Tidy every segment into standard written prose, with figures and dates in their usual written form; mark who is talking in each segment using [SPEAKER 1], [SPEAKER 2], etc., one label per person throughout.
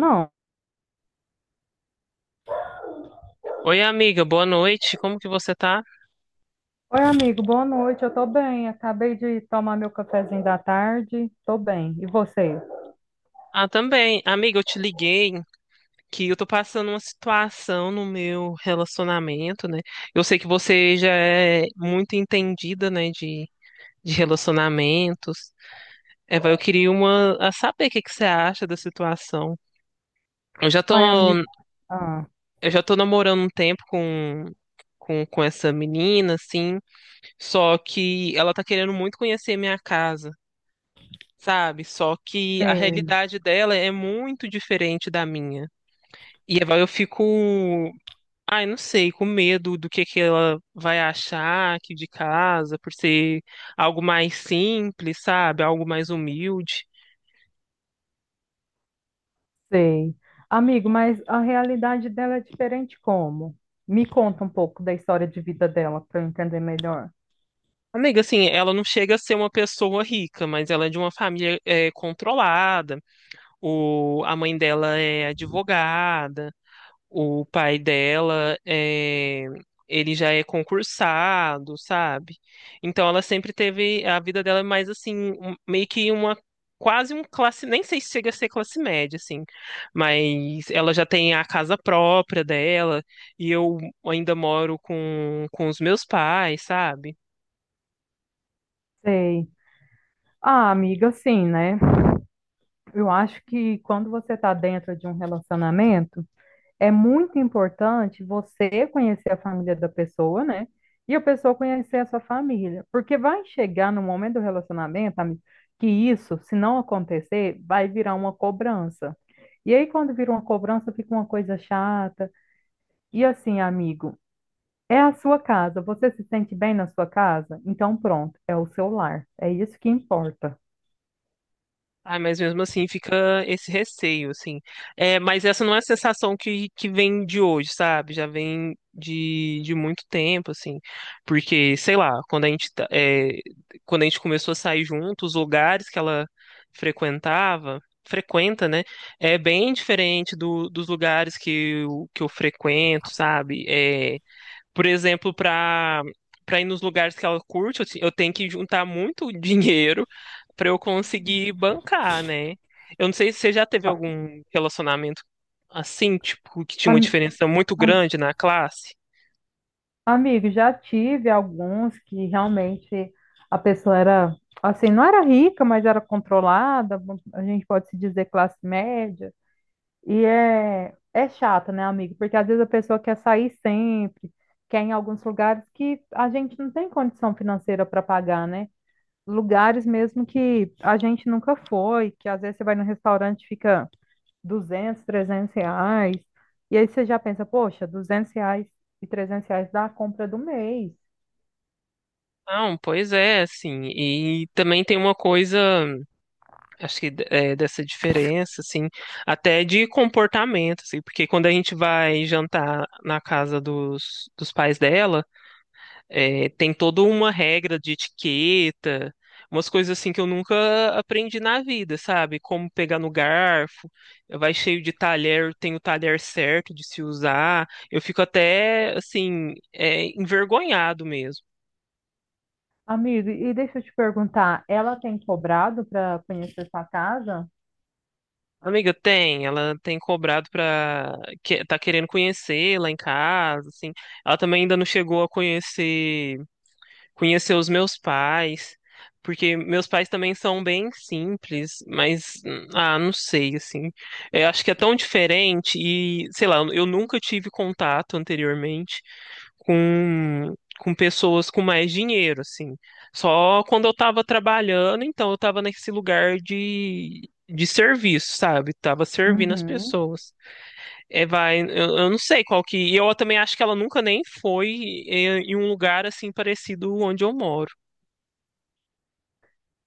[SPEAKER 1] Não.
[SPEAKER 2] Oi, amiga, boa noite. Como que você tá?
[SPEAKER 1] Oi, amigo, boa noite. Eu tô bem. Acabei de tomar meu cafezinho da tarde. Tô bem. E você?
[SPEAKER 2] Ah, também. Amiga, eu te liguei que eu tô passando uma situação no meu relacionamento, né? Eu sei que você já é muito entendida, né, de relacionamentos. Eva, eu queria uma, a saber o que que você acha da situação. Eu já tô,
[SPEAKER 1] Oi, amigo. Ah,
[SPEAKER 2] eu já tô namorando um tempo com essa menina, assim, só que ela tá querendo muito conhecer minha casa. Sabe? Só que a
[SPEAKER 1] sei,
[SPEAKER 2] realidade dela é muito diferente da minha. E aí eu fico, ai, não sei, com medo do que ela vai achar aqui de casa, por ser algo mais simples, sabe? Algo mais humilde.
[SPEAKER 1] sei. Amigo, mas a realidade dela é diferente como? Me conta um pouco da história de vida dela para eu entender melhor.
[SPEAKER 2] Amiga, assim, ela não chega a ser uma pessoa rica, mas ela é de uma família é, controlada. O, a mãe dela é advogada. O pai dela é, ele já é concursado, sabe? Então ela sempre teve a vida dela é mais assim, meio que uma quase um classe, nem sei se chega a ser classe média assim, mas ela já tem a casa própria dela e eu ainda moro com os meus pais, sabe?
[SPEAKER 1] Sei. Ah, amiga, assim, né? Eu acho que quando você está dentro de um relacionamento, é muito importante você conhecer a família da pessoa, né? E a pessoa conhecer a sua família. Porque vai chegar no momento do relacionamento, amiga, que isso, se não acontecer, vai virar uma cobrança. E aí, quando vira uma cobrança, fica uma coisa chata. E assim, amigo, é a sua casa. Você se sente bem na sua casa? Então, pronto, é o seu lar. É isso que importa.
[SPEAKER 2] Ah, mas mesmo assim fica esse receio, assim. É, mas essa não é a sensação que vem de hoje, sabe? Já vem de muito tempo, assim. Porque, sei lá, quando a gente, quando a gente começou a sair junto, os lugares que ela frequentava, frequenta, né? É bem diferente dos lugares que que eu frequento, sabe? É, por exemplo, para ir nos lugares que ela curte, eu tenho que juntar muito dinheiro para eu conseguir bancar, né? Eu não sei se você já teve
[SPEAKER 1] Ó,
[SPEAKER 2] algum relacionamento assim, tipo, que tinha uma
[SPEAKER 1] Ami-
[SPEAKER 2] diferença muito grande na classe.
[SPEAKER 1] amigo, já tive alguns que realmente a pessoa era, assim, não era rica, mas era controlada, a gente pode se dizer classe média. E é, é chato, né, amigo? Porque às vezes a pessoa quer sair sempre, quer ir em alguns lugares que a gente não tem condição financeira para pagar, né? Lugares mesmo que a gente nunca foi, que às vezes você vai no restaurante e fica 200, 300 reais. E aí você já pensa, poxa, 200 reais e 300 reais dá a compra do mês.
[SPEAKER 2] Não, pois é, assim, e também tem uma coisa, acho que é, dessa diferença, assim, até de comportamento, assim, porque quando a gente vai jantar na casa dos pais dela. É, tem toda uma regra de etiqueta, umas coisas assim que eu nunca aprendi na vida, sabe? Como pegar no garfo, vai cheio de talher, tem o talher certo de se usar. Eu fico até, assim, é, envergonhado mesmo.
[SPEAKER 1] Amigo, e deixa eu te perguntar, ela tem cobrado para conhecer sua casa?
[SPEAKER 2] Amiga, tem, ela tem cobrado pra. Que, tá querendo conhecer lá em casa, assim. Ela também ainda não chegou a conhecer os meus pais, porque meus pais também são bem simples, mas ah, não sei assim. Eu acho que é tão diferente e, sei lá, eu nunca tive contato anteriormente com pessoas com mais dinheiro, assim. Só quando eu tava trabalhando, então eu tava nesse lugar de serviço, sabe? Tava servindo as
[SPEAKER 1] Uhum.
[SPEAKER 2] pessoas. É, vai, eu não sei qual que. E eu também acho que ela nunca nem foi em um lugar assim parecido onde eu moro.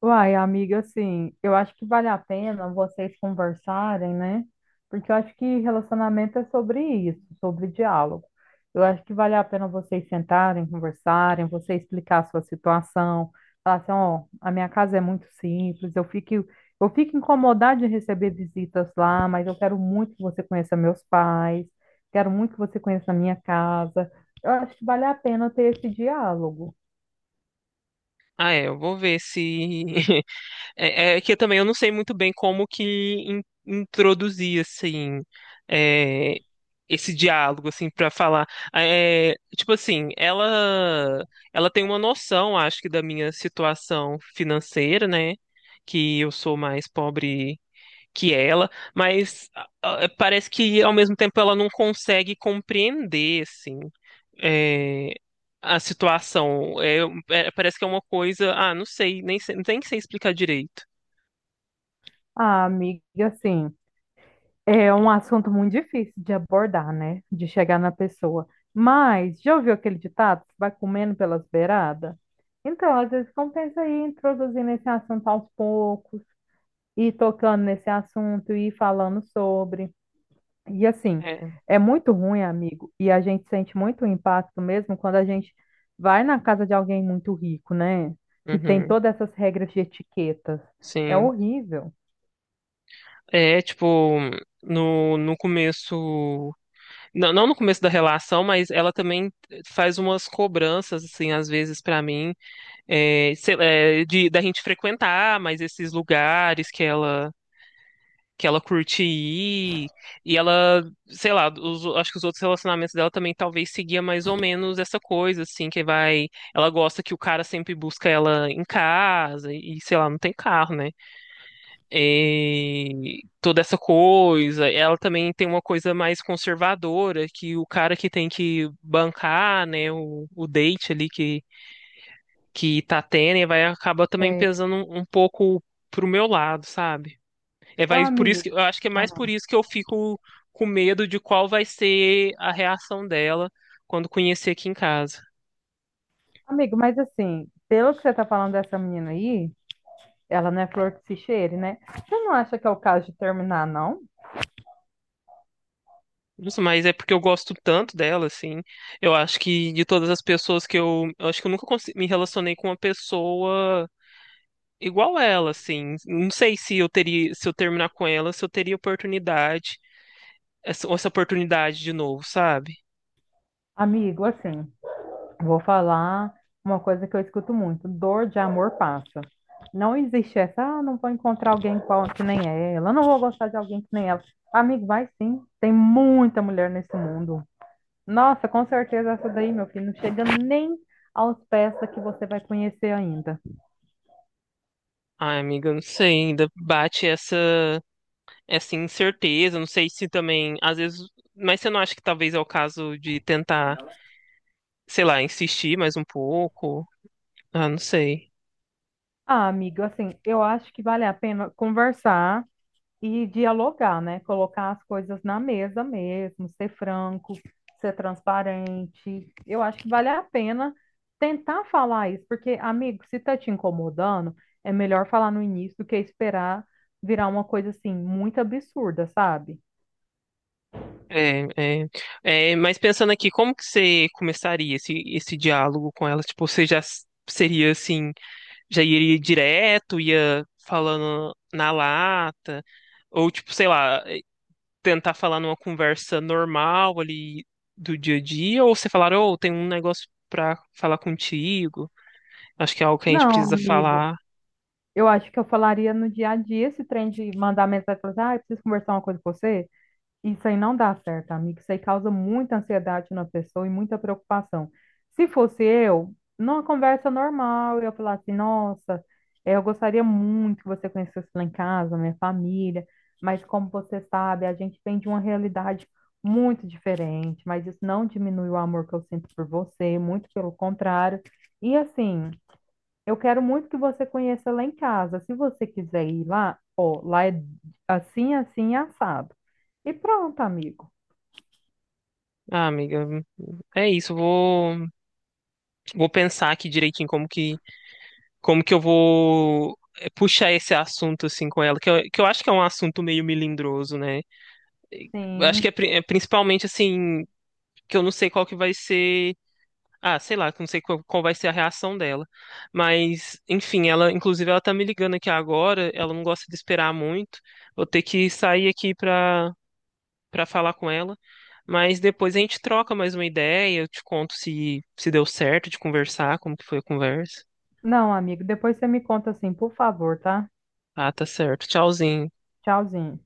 [SPEAKER 1] Uai, amiga, assim, eu acho que vale a pena vocês conversarem, né? Porque eu acho que relacionamento é sobre isso, sobre diálogo. Eu acho que vale a pena vocês sentarem, conversarem, você explicar a sua situação, falar assim, ó, a minha casa é muito simples, eu fico incomodada de receber visitas lá, mas eu quero muito que você conheça meus pais, quero muito que você conheça a minha casa. Eu acho que vale a pena ter esse diálogo.
[SPEAKER 2] Ah, é, eu vou ver se. É, é que eu também eu não sei muito bem como que introduzir assim é, esse diálogo assim para falar. É, tipo assim, ela tem uma noção, acho que da minha situação financeira, né? Que eu sou mais pobre que ela, mas ah, ah, parece que ao mesmo tempo ela não consegue compreender, assim é, a situação. É, é, parece que é uma coisa. Ah, não sei, nem sei explicar direito.
[SPEAKER 1] Ah, amiga, assim. É um assunto muito difícil de abordar, né? De chegar na pessoa. Mas, já ouviu aquele ditado? Que vai comendo pelas beiradas? Então, às vezes compensa ir introduzindo esse assunto aos poucos, ir tocando nesse assunto, ir falando sobre. E assim,
[SPEAKER 2] É.
[SPEAKER 1] é muito ruim, amigo, e a gente sente muito o impacto mesmo quando a gente vai na casa de alguém muito rico, né? Que tem
[SPEAKER 2] Uhum,
[SPEAKER 1] todas essas regras de etiquetas. É
[SPEAKER 2] sim.
[SPEAKER 1] horrível.
[SPEAKER 2] É, tipo, no começo. Não, não no começo da relação, mas ela também faz umas cobranças, assim, às vezes pra mim. É, sei lá, da gente frequentar mais esses lugares que ela curte ir, e ela, sei lá, acho que os outros relacionamentos dela também talvez seguia mais ou menos essa coisa, assim, que vai, ela gosta que o cara sempre busca ela em casa, e sei lá, não tem carro, né? E toda essa coisa, ela também tem uma coisa mais conservadora, que o cara que tem que bancar, né, o date ali que tá tendo e vai acabar também
[SPEAKER 1] É,
[SPEAKER 2] pesando um pouco pro meu lado, sabe? É,
[SPEAKER 1] ô,
[SPEAKER 2] vai,
[SPEAKER 1] amigo.
[SPEAKER 2] eu acho que é mais por isso que eu fico com medo de qual vai ser a reação dela quando conhecer aqui em casa.
[SPEAKER 1] Amigo, mas assim, pelo que você tá falando dessa menina aí, ela não é flor que se cheire, né? Você não acha que é o caso de terminar, não?
[SPEAKER 2] Nossa, mas é porque eu gosto tanto dela, assim. Eu acho que de todas as pessoas que eu. Eu acho que eu nunca me relacionei com uma pessoa igual ela, assim. Não sei se eu teria, se eu terminar com ela, se eu teria oportunidade, essa oportunidade de novo, sabe?
[SPEAKER 1] Amigo, assim, vou falar uma coisa que eu escuto muito: dor de amor passa. Não existe essa, ah, não vou encontrar alguém que nem ela, não vou gostar de alguém que nem ela. Amigo, vai sim, tem muita mulher nesse mundo. Nossa, com certeza essa daí, meu filho, não chega nem aos pés da que você vai conhecer ainda.
[SPEAKER 2] Ai, amiga, eu não sei, ainda bate essa incerteza, não sei se também, às vezes, mas você não acha que talvez é o caso de tentar, sei lá, insistir mais um pouco? Ah, não sei.
[SPEAKER 1] Ah, amigo, assim, eu acho que vale a pena conversar e dialogar, né? Colocar as coisas na mesa mesmo, ser franco, ser transparente. Eu acho que vale a pena tentar falar isso, porque, amigo, se tá te incomodando, é melhor falar no início do que esperar virar uma coisa assim muito absurda, sabe?
[SPEAKER 2] É, é, mas pensando aqui, como que você começaria esse diálogo com ela? Tipo, você já seria assim, já iria direto, ia falando na lata, ou tipo, sei lá, tentar falar numa conversa normal ali do dia a dia, ou você falar, ô, tem um negócio pra falar contigo, acho que é algo que a gente
[SPEAKER 1] Não,
[SPEAKER 2] precisa
[SPEAKER 1] amigo,
[SPEAKER 2] falar.
[SPEAKER 1] eu acho que eu falaria no dia a dia esse trem de mandar mensagem e falar assim, ah, eu preciso conversar uma coisa com você. Isso aí não dá certo, amigo. Isso aí causa muita ansiedade na pessoa e muita preocupação. Se fosse eu, numa conversa normal, eu ia falar assim: nossa, eu gostaria muito que você conhecesse lá em casa, minha família, mas como você sabe, a gente vem de uma realidade muito diferente, mas isso não diminui o amor que eu sinto por você, muito pelo contrário. E assim, eu quero muito que você conheça lá em casa. Se você quiser ir lá, ó, lá é assim, assim, assado. E pronto, amigo.
[SPEAKER 2] Ah, amiga, é isso, eu vou, vou pensar aqui direitinho como que eu vou puxar esse assunto assim com ela, que eu acho que é um assunto meio melindroso, né? Eu acho
[SPEAKER 1] Sim.
[SPEAKER 2] que é é principalmente assim, que eu não sei qual que vai ser. Ah, sei lá, que eu não sei qual vai ser a reação dela. Mas, enfim, ela, inclusive, ela tá me ligando aqui agora, ela não gosta de esperar muito. Vou ter que sair aqui pra falar com ela. Mas depois a gente troca mais uma ideia, eu te conto se deu certo de conversar, como que foi a conversa.
[SPEAKER 1] Não, amigo, depois você me conta assim, por favor, tá?
[SPEAKER 2] Ah, tá certo. Tchauzinho.
[SPEAKER 1] Tchauzinho.